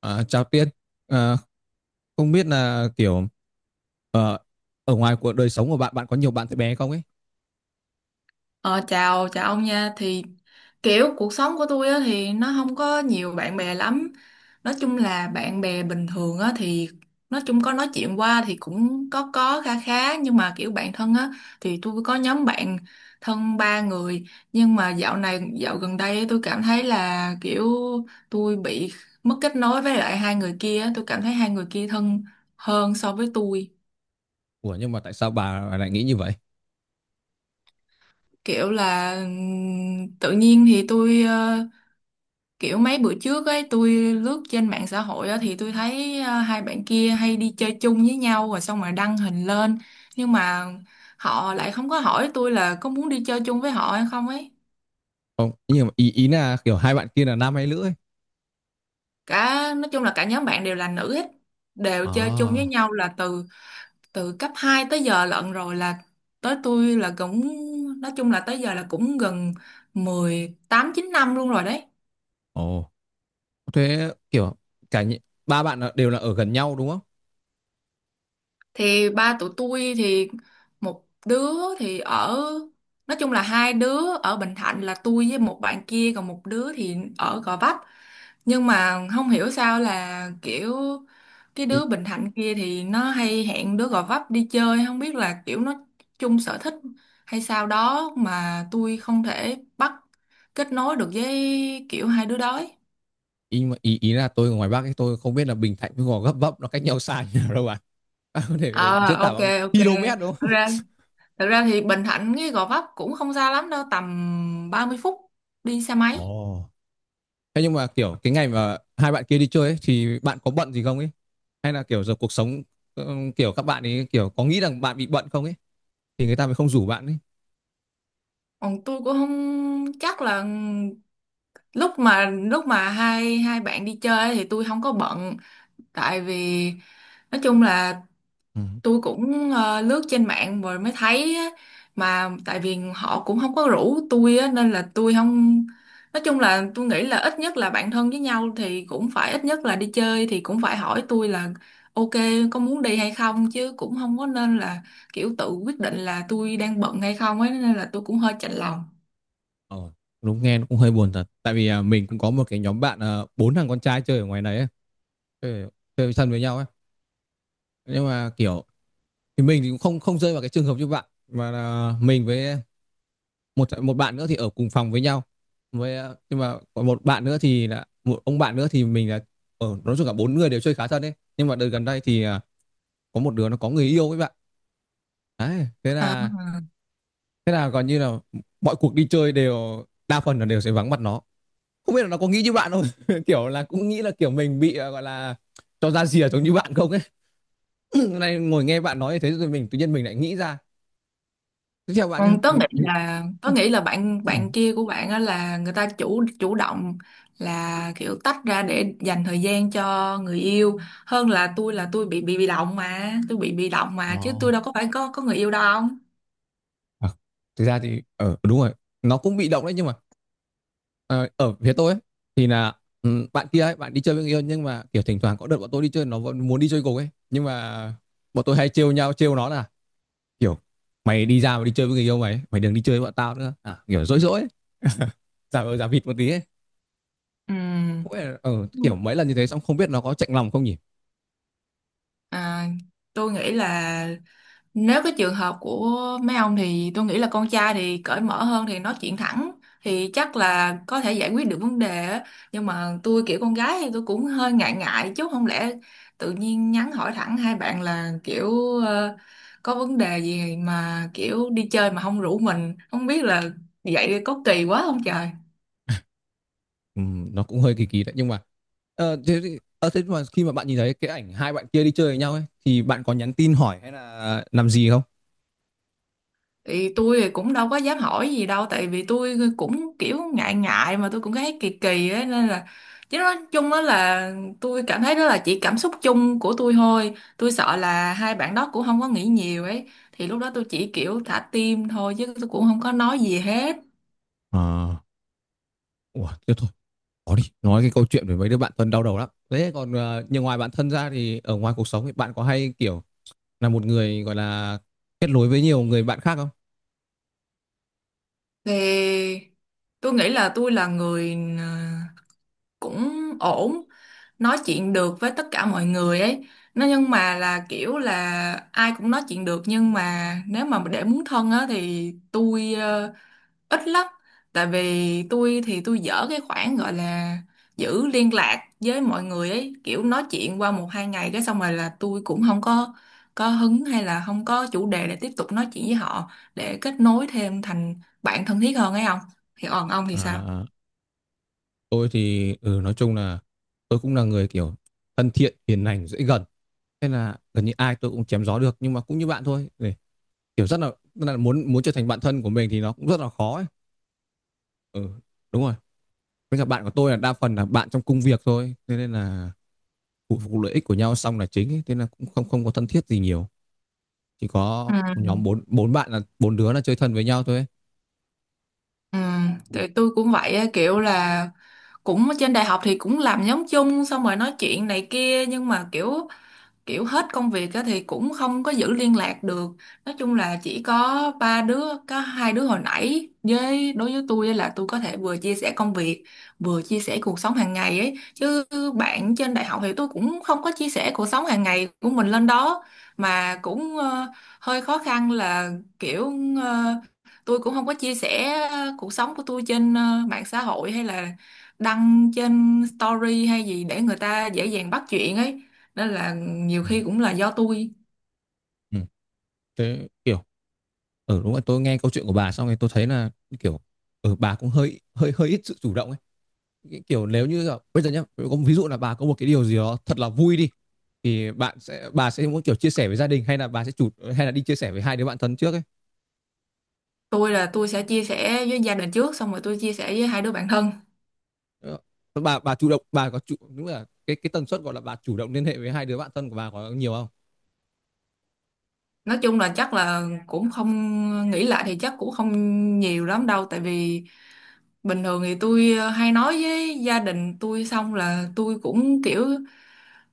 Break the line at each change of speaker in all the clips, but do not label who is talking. Chào Tiên, à, không biết là kiểu ờ, ở ngoài cuộc đời sống của bạn, bạn có nhiều bạn bé không ấy?
Ờ, chào chào ông nha. Thì kiểu cuộc sống của tôi á, thì nó không có nhiều bạn bè lắm. Nói chung là bạn bè bình thường á, thì nói chung có nói chuyện qua thì cũng có kha khá, nhưng mà kiểu bạn thân á thì tôi có nhóm bạn thân ba người. Nhưng mà dạo gần đây tôi cảm thấy là kiểu tôi bị mất kết nối với lại hai người kia á. Tôi cảm thấy hai người kia thân hơn so với tôi.
Ủa nhưng mà tại sao bà lại nghĩ như vậy?
Kiểu là tự nhiên thì kiểu mấy bữa trước ấy tôi lướt trên mạng xã hội á, thì tôi thấy hai bạn kia hay đi chơi chung với nhau rồi xong rồi đăng hình lên, nhưng mà họ lại không có hỏi tôi là có muốn đi chơi chung với họ hay không ấy.
Không, nhưng mà ý ý là kiểu hai bạn kia là nam hay nữ ấy?
Cả nói chung là cả nhóm bạn đều là nữ hết, đều chơi chung với
À,
nhau là từ từ cấp 2 tới giờ lận rồi, là tới tôi là cũng nói chung là tới giờ là cũng gần 18, 19 năm luôn rồi đấy.
ồ, thế kiểu cả nhị- ba bạn đều là ở gần nhau đúng không?
Thì ba tụi tôi thì một đứa thì ở, nói chung là hai đứa ở Bình Thạnh là tôi với một bạn kia, còn một đứa thì ở Gò Vấp. Nhưng mà không hiểu sao là kiểu cái
Ý
đứa Bình Thạnh kia thì nó hay hẹn đứa Gò Vấp đi chơi, không biết là kiểu nó chung sở thích hay sao đó mà tôi không thể bắt kết nối được với kiểu hai đứa đó ấy.
ý mà ý, ý là tôi ở ngoài Bắc ấy, tôi không biết là Bình Thạnh với Gò Gấp Vấp nó cách nhau xa như nào đâu bạn. Bạn có thể
Ờ,
diễn tả
ok,
bằng
ok.
km đúng không?
Thật ra Thật ra thì Bình Thạnh cái Gò Vấp cũng không xa lắm đâu, tầm 30 phút đi xe máy.
Ồ. Thế nhưng mà kiểu cái ngày mà hai bạn kia đi chơi ấy, thì bạn có bận gì không ấy? Hay là kiểu giờ cuộc sống kiểu các bạn ấy kiểu có nghĩ rằng bạn bị bận không ấy thì người ta mới không rủ bạn ấy.
Còn tôi cũng không chắc là lúc mà hai hai bạn đi chơi ấy thì tôi không có bận, tại vì nói chung là
Ừ.
tôi cũng lướt trên mạng rồi mới thấy á, mà tại vì họ cũng không có rủ tôi á, nên là tôi không, nói chung là tôi nghĩ là ít nhất là bạn thân với nhau thì cũng phải ít nhất là đi chơi thì cũng phải hỏi tôi là ok có muốn đi hay không chứ, cũng không có, nên là kiểu tự quyết định là tôi đang bận hay không ấy, nên là tôi cũng hơi chạnh lòng.
Ờ, đúng nghe nó cũng hơi buồn thật. Tại vì mình cũng có một cái nhóm bạn à, bốn thằng con trai chơi ở ngoài đấy ấy, chơi, chơi thân với nhau ấy. Nhưng mà kiểu thì mình thì cũng không không rơi vào cái trường hợp như bạn mà là mình với một một bạn nữa thì ở cùng phòng với nhau với nhưng mà còn một bạn nữa thì là một ông bạn nữa thì mình là ở nói chung cả bốn người đều chơi khá thân ấy, nhưng mà đợt gần đây thì có một đứa nó có người yêu với bạn đấy. Thế
À.
là thế là gần như là mọi cuộc đi chơi đều đa phần là đều sẽ vắng mặt nó. Không biết là nó có nghĩ như bạn không, kiểu là cũng nghĩ là kiểu mình bị gọi là cho ra rìa giống như bạn không ấy. Này ngồi nghe bạn nói như thế rồi mình tự nhiên mình lại nghĩ ra. Tiếp theo bạn
Ừ, tớ
nhé.
nghĩ là tớ nghĩ là bạn bạn kia của bạn á là người ta chủ chủ động, là kiểu tách ra để dành thời gian cho người yêu, hơn là tôi bị động, mà tôi bị động
Ồ.
mà, chứ tôi
Oh.
đâu có phải có người yêu đâu không.
À, thực ra thì đúng rồi, nó cũng bị động đấy nhưng mà Ờ, ở phía tôi ấy, thì là bạn kia ấy, bạn đi chơi với người yêu nhưng mà kiểu thỉnh thoảng có đợt bọn tôi đi chơi nó vẫn muốn đi chơi cùng ấy, nhưng mà bọn tôi hay trêu nhau, trêu nó là kiểu mày đi ra mà đi chơi với người yêu mày ấy, mày đừng đi chơi với bọn tao nữa à, kiểu dỗi dỗi ấy, giả vờ giả vịt một tí ấy. Không biết là,
Ừ.
kiểu mấy lần như thế xong không biết nó có chạnh lòng không nhỉ.
À, tôi nghĩ là nếu cái trường hợp của mấy ông thì tôi nghĩ là con trai thì cởi mở hơn thì nói chuyện thẳng thì chắc là có thể giải quyết được vấn đề á. Nhưng mà tôi kiểu con gái thì tôi cũng hơi ngại ngại, chứ không lẽ tự nhiên nhắn hỏi thẳng hai bạn là kiểu ờ, có vấn đề gì mà kiểu đi chơi mà không rủ mình, không biết là vậy có kỳ quá không trời.
Ừ, nó cũng hơi kỳ kỳ đấy, nhưng mà thế mà khi mà bạn nhìn thấy cái ảnh hai bạn kia đi chơi với nhau ấy thì bạn có nhắn tin hỏi hay là làm gì không?
Thì tôi thì cũng đâu có dám hỏi gì đâu, tại vì tôi cũng kiểu ngại ngại mà tôi cũng thấy kỳ kỳ ấy, nên là, chứ nói chung đó là, tôi cảm thấy đó là chỉ cảm xúc chung của tôi thôi, tôi sợ là hai bạn đó cũng không có nghĩ nhiều ấy, thì lúc đó tôi chỉ kiểu thả tim thôi chứ tôi cũng không có nói gì hết.
À, ủa, thế thôi. Có đi, nói cái câu chuyện về mấy đứa bạn thân đau đầu lắm. Thế còn nhưng ngoài bạn thân ra thì ở ngoài cuộc sống thì bạn có hay kiểu là một người gọi là kết nối với nhiều người bạn khác không?
Thì tôi nghĩ là tôi là người cũng ổn, nói chuyện được với tất cả mọi người ấy. Nó nhưng mà là kiểu là ai cũng nói chuyện được, nhưng mà nếu mà để muốn thân á thì tôi ít lắm, tại vì tôi thì tôi dở cái khoản gọi là giữ liên lạc với mọi người ấy, kiểu nói chuyện qua 1, 2 ngày cái xong rồi là tôi cũng không có hứng hay là không có chủ đề để tiếp tục nói chuyện với họ, để kết nối thêm thành bạn thân thiết hơn ấy, không. Thì còn ông thì sao?
À, tôi thì nói chung là tôi cũng là người kiểu thân thiện, hiền lành, dễ gần. Thế là gần như ai tôi cũng chém gió được, nhưng mà cũng như bạn thôi. Để, kiểu rất là muốn muốn trở thành bạn thân của mình thì nó cũng rất là khó ấy. Ừ, đúng rồi. Với cả bạn của tôi là đa phần là bạn trong công việc thôi. Thế nên là phụ phục lợi ích của nhau xong là chính ấy. Thế nên là cũng không không có thân thiết gì nhiều. Chỉ có một nhóm bốn bốn bạn là bốn đứa là chơi thân với nhau thôi ấy.
Ừ, tụi tôi cũng vậy á, kiểu là cũng ở trên đại học thì cũng làm nhóm chung xong rồi nói chuyện này kia, nhưng mà kiểu kiểu hết công việc á, thì cũng không có giữ liên lạc được. Nói chung là chỉ có ba đứa, có hai đứa hồi nãy với đối với tôi á, là tôi có thể vừa chia sẻ công việc vừa chia sẻ cuộc sống hàng ngày ấy. Chứ bạn trên đại học thì tôi cũng không có chia sẻ cuộc sống hàng ngày của mình lên đó. Mà cũng hơi khó khăn là kiểu ờ, tôi cũng không có chia sẻ cuộc sống của tôi trên mạng xã hội hay là đăng trên story hay gì để người ta dễ dàng bắt chuyện ấy, nên là nhiều
Ừ.
khi cũng là do tôi.
Ừ. Thế kiểu ở đúng là tôi nghe câu chuyện của bà xong rồi tôi thấy là kiểu ở bà cũng hơi hơi hơi ít sự chủ động ấy. Cái kiểu nếu như là, bây giờ nhá, có ví dụ là bà có một cái điều gì đó thật là vui đi thì bạn sẽ bà sẽ muốn kiểu chia sẻ với gia đình hay là bà sẽ chủ hay là đi chia sẻ với hai đứa bạn thân trước ấy?
Tôi là tôi sẽ chia sẻ với gia đình trước xong rồi tôi chia sẻ với hai đứa bạn thân.
Ờ, bà chủ động bà có chủ đúng là cái tần suất gọi là bà chủ động liên hệ với hai đứa bạn thân của bà có nhiều không?
Nói chung là chắc là cũng không, nghĩ lại thì chắc cũng không nhiều lắm đâu, tại vì bình thường thì tôi hay nói với gia đình tôi xong là tôi cũng kiểu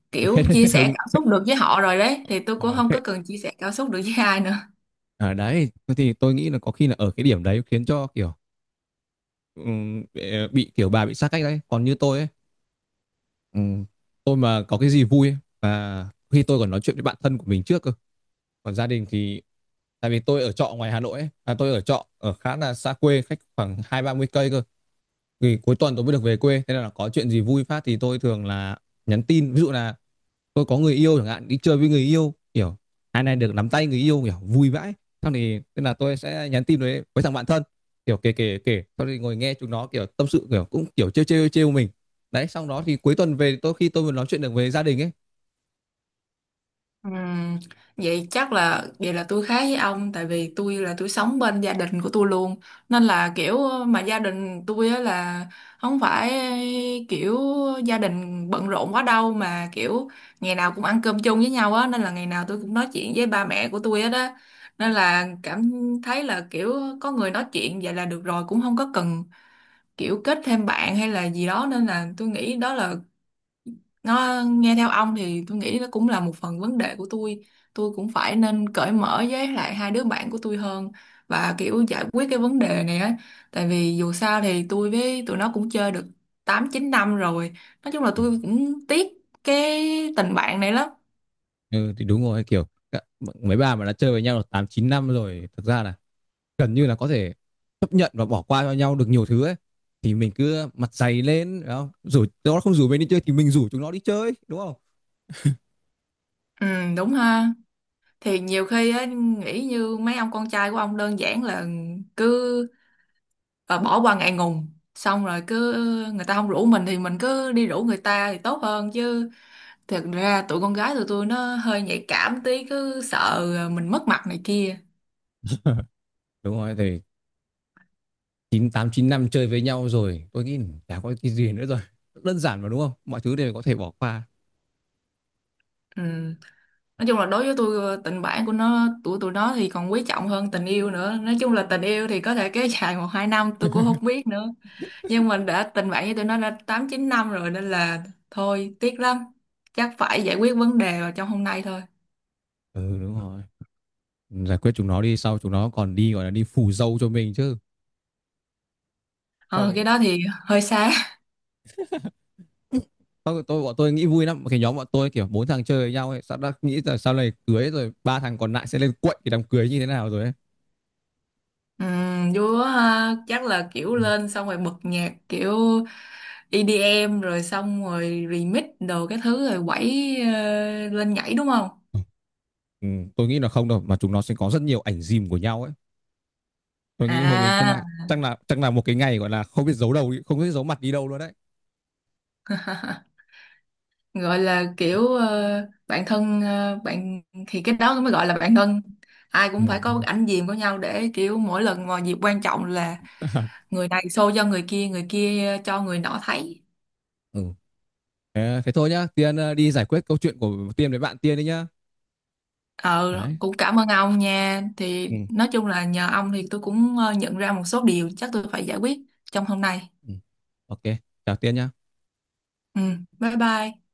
kiểu
hết
chia
hết
sẻ
hứng.
cảm xúc được với họ rồi đấy, thì tôi cũng
Ờ,
không
hết,
có cần chia sẻ cảm xúc được với ai nữa.
ở đấy thì tôi nghĩ là có khi là ở cái điểm đấy khiến cho kiểu bị kiểu bà bị xa cách đấy. Còn như tôi ấy, ừm, tôi mà có cái gì vui ấy, và khi tôi còn nói chuyện với bạn thân của mình trước cơ. Còn gia đình thì tại vì tôi ở trọ ngoài Hà Nội ấy, à, tôi ở trọ ở khá là xa quê, cách khoảng hai ba mươi cây cơ, thì cuối tuần tôi mới được về quê. Thế nên là có chuyện gì vui phát thì tôi thường là nhắn tin, ví dụ là tôi có người yêu chẳng hạn, đi chơi với người yêu kiểu hai này được nắm tay người yêu kiểu vui vãi, sau thì tức là tôi sẽ nhắn tin với thằng bạn thân kiểu kể kể kể, sau thì ngồi nghe chúng nó kiểu tâm sự, kiểu cũng kiểu trêu trêu trêu mình đấy, sau đó thì cuối tuần về tôi khi tôi vừa nói chuyện được về gia đình ấy.
Ừm, vậy chắc là vậy là tôi khác với ông, tại vì tôi là tôi sống bên gia đình của tôi luôn, nên là kiểu, mà gia đình tôi á là không phải kiểu gia đình bận rộn quá đâu, mà kiểu ngày nào cũng ăn cơm chung với nhau á, nên là ngày nào tôi cũng nói chuyện với ba mẹ của tôi hết á, nên là cảm thấy là kiểu có người nói chuyện vậy là được rồi, cũng không có cần kiểu kết thêm bạn hay là gì đó. Nên là tôi nghĩ đó là, nó nghe theo ông thì tôi nghĩ nó cũng là một phần vấn đề của tôi cũng phải nên cởi mở với lại hai đứa bạn của tôi hơn, và kiểu giải quyết cái vấn đề này á, tại vì dù sao thì tôi với tụi nó cũng chơi được 8, 9 năm rồi. Nói chung là
Ừ.
tôi cũng tiếc cái tình bạn này lắm.
Ừ, thì đúng rồi kiểu mấy bà mà đã chơi với nhau được tám chín năm rồi thực ra là gần như là có thể chấp nhận và bỏ qua cho nhau được nhiều thứ ấy. Thì mình cứ mặt dày lên đúng không, rủ nó, không rủ mình đi chơi thì mình rủ chúng nó đi chơi đúng không?
Ừ đúng ha. Thì nhiều khi á nghĩ như mấy ông con trai của ông, đơn giản là cứ bỏ qua ngại ngùng, xong rồi cứ người ta không rủ mình thì mình cứ đi rủ người ta thì tốt hơn chứ. Thật ra tụi con gái tụi tôi nó hơi nhạy cảm tí, cứ sợ mình mất mặt này kia.
Đúng rồi thì chín tám chín năm chơi với nhau rồi, tôi nghĩ chả có cái gì nữa rồi. Đơn giản mà đúng không? Mọi thứ đều có thể bỏ qua.
Ừ. Nói chung là đối với tôi tình bạn của nó tụi tụi nó thì còn quý trọng hơn tình yêu nữa. Nói chung là tình yêu thì có thể kéo dài 1, 2 năm tôi cũng không biết nữa. Nhưng mình đã tình bạn với tụi nó đã 8, 9 năm rồi nên là thôi tiếc lắm. Chắc phải giải quyết vấn đề vào trong hôm nay thôi.
Ừ đúng rồi. Giải quyết chúng nó đi, sau chúng nó còn đi gọi là đi phủ dâu cho mình chứ. Không
Ờ cái
ấy.
đó thì hơi xa.
Tôi, bọn tôi nghĩ vui lắm, cái nhóm bọn tôi kiểu bốn thằng chơi với nhau ấy, sao đã nghĩ là sau này cưới rồi ba thằng còn lại sẽ lên quậy cái đám cưới như thế nào rồi ấy.
Ừ, vui quá ha. Chắc là kiểu
Ừ.
lên xong rồi bật nhạc kiểu EDM rồi xong rồi remix đồ cái thứ rồi quẩy lên nhảy đúng không?
Ừ, tôi nghĩ là không đâu mà chúng nó sẽ có rất nhiều ảnh dìm của nhau ấy. Tôi nghĩ hôm nay chắc
À.
là chắc là chắc là một cái ngày gọi là không biết giấu đầu không biết giấu mặt đi đâu luôn đấy.
Gọi là kiểu ờ, bạn thân ờ, bạn thì cái đó mới gọi là bạn thân. Ai
Ừ,
cũng phải có ảnh diệm của nhau để kiểu mỗi lần mà dịp quan trọng là người này show cho người kia cho người nọ thấy.
ừ. Ờ, thế thôi nhá, Tiên, đi giải quyết câu chuyện của Tiên với bạn Tiên đi nhá.
Ờ,
Đấy,
cũng cảm ơn ông nha. Thì
ừ.
nói chung là nhờ ông thì tôi cũng nhận ra một số điều, chắc tôi phải giải quyết trong hôm nay.
Ừ. Ok, chào Tiên nhá.
Ừ, bye bye.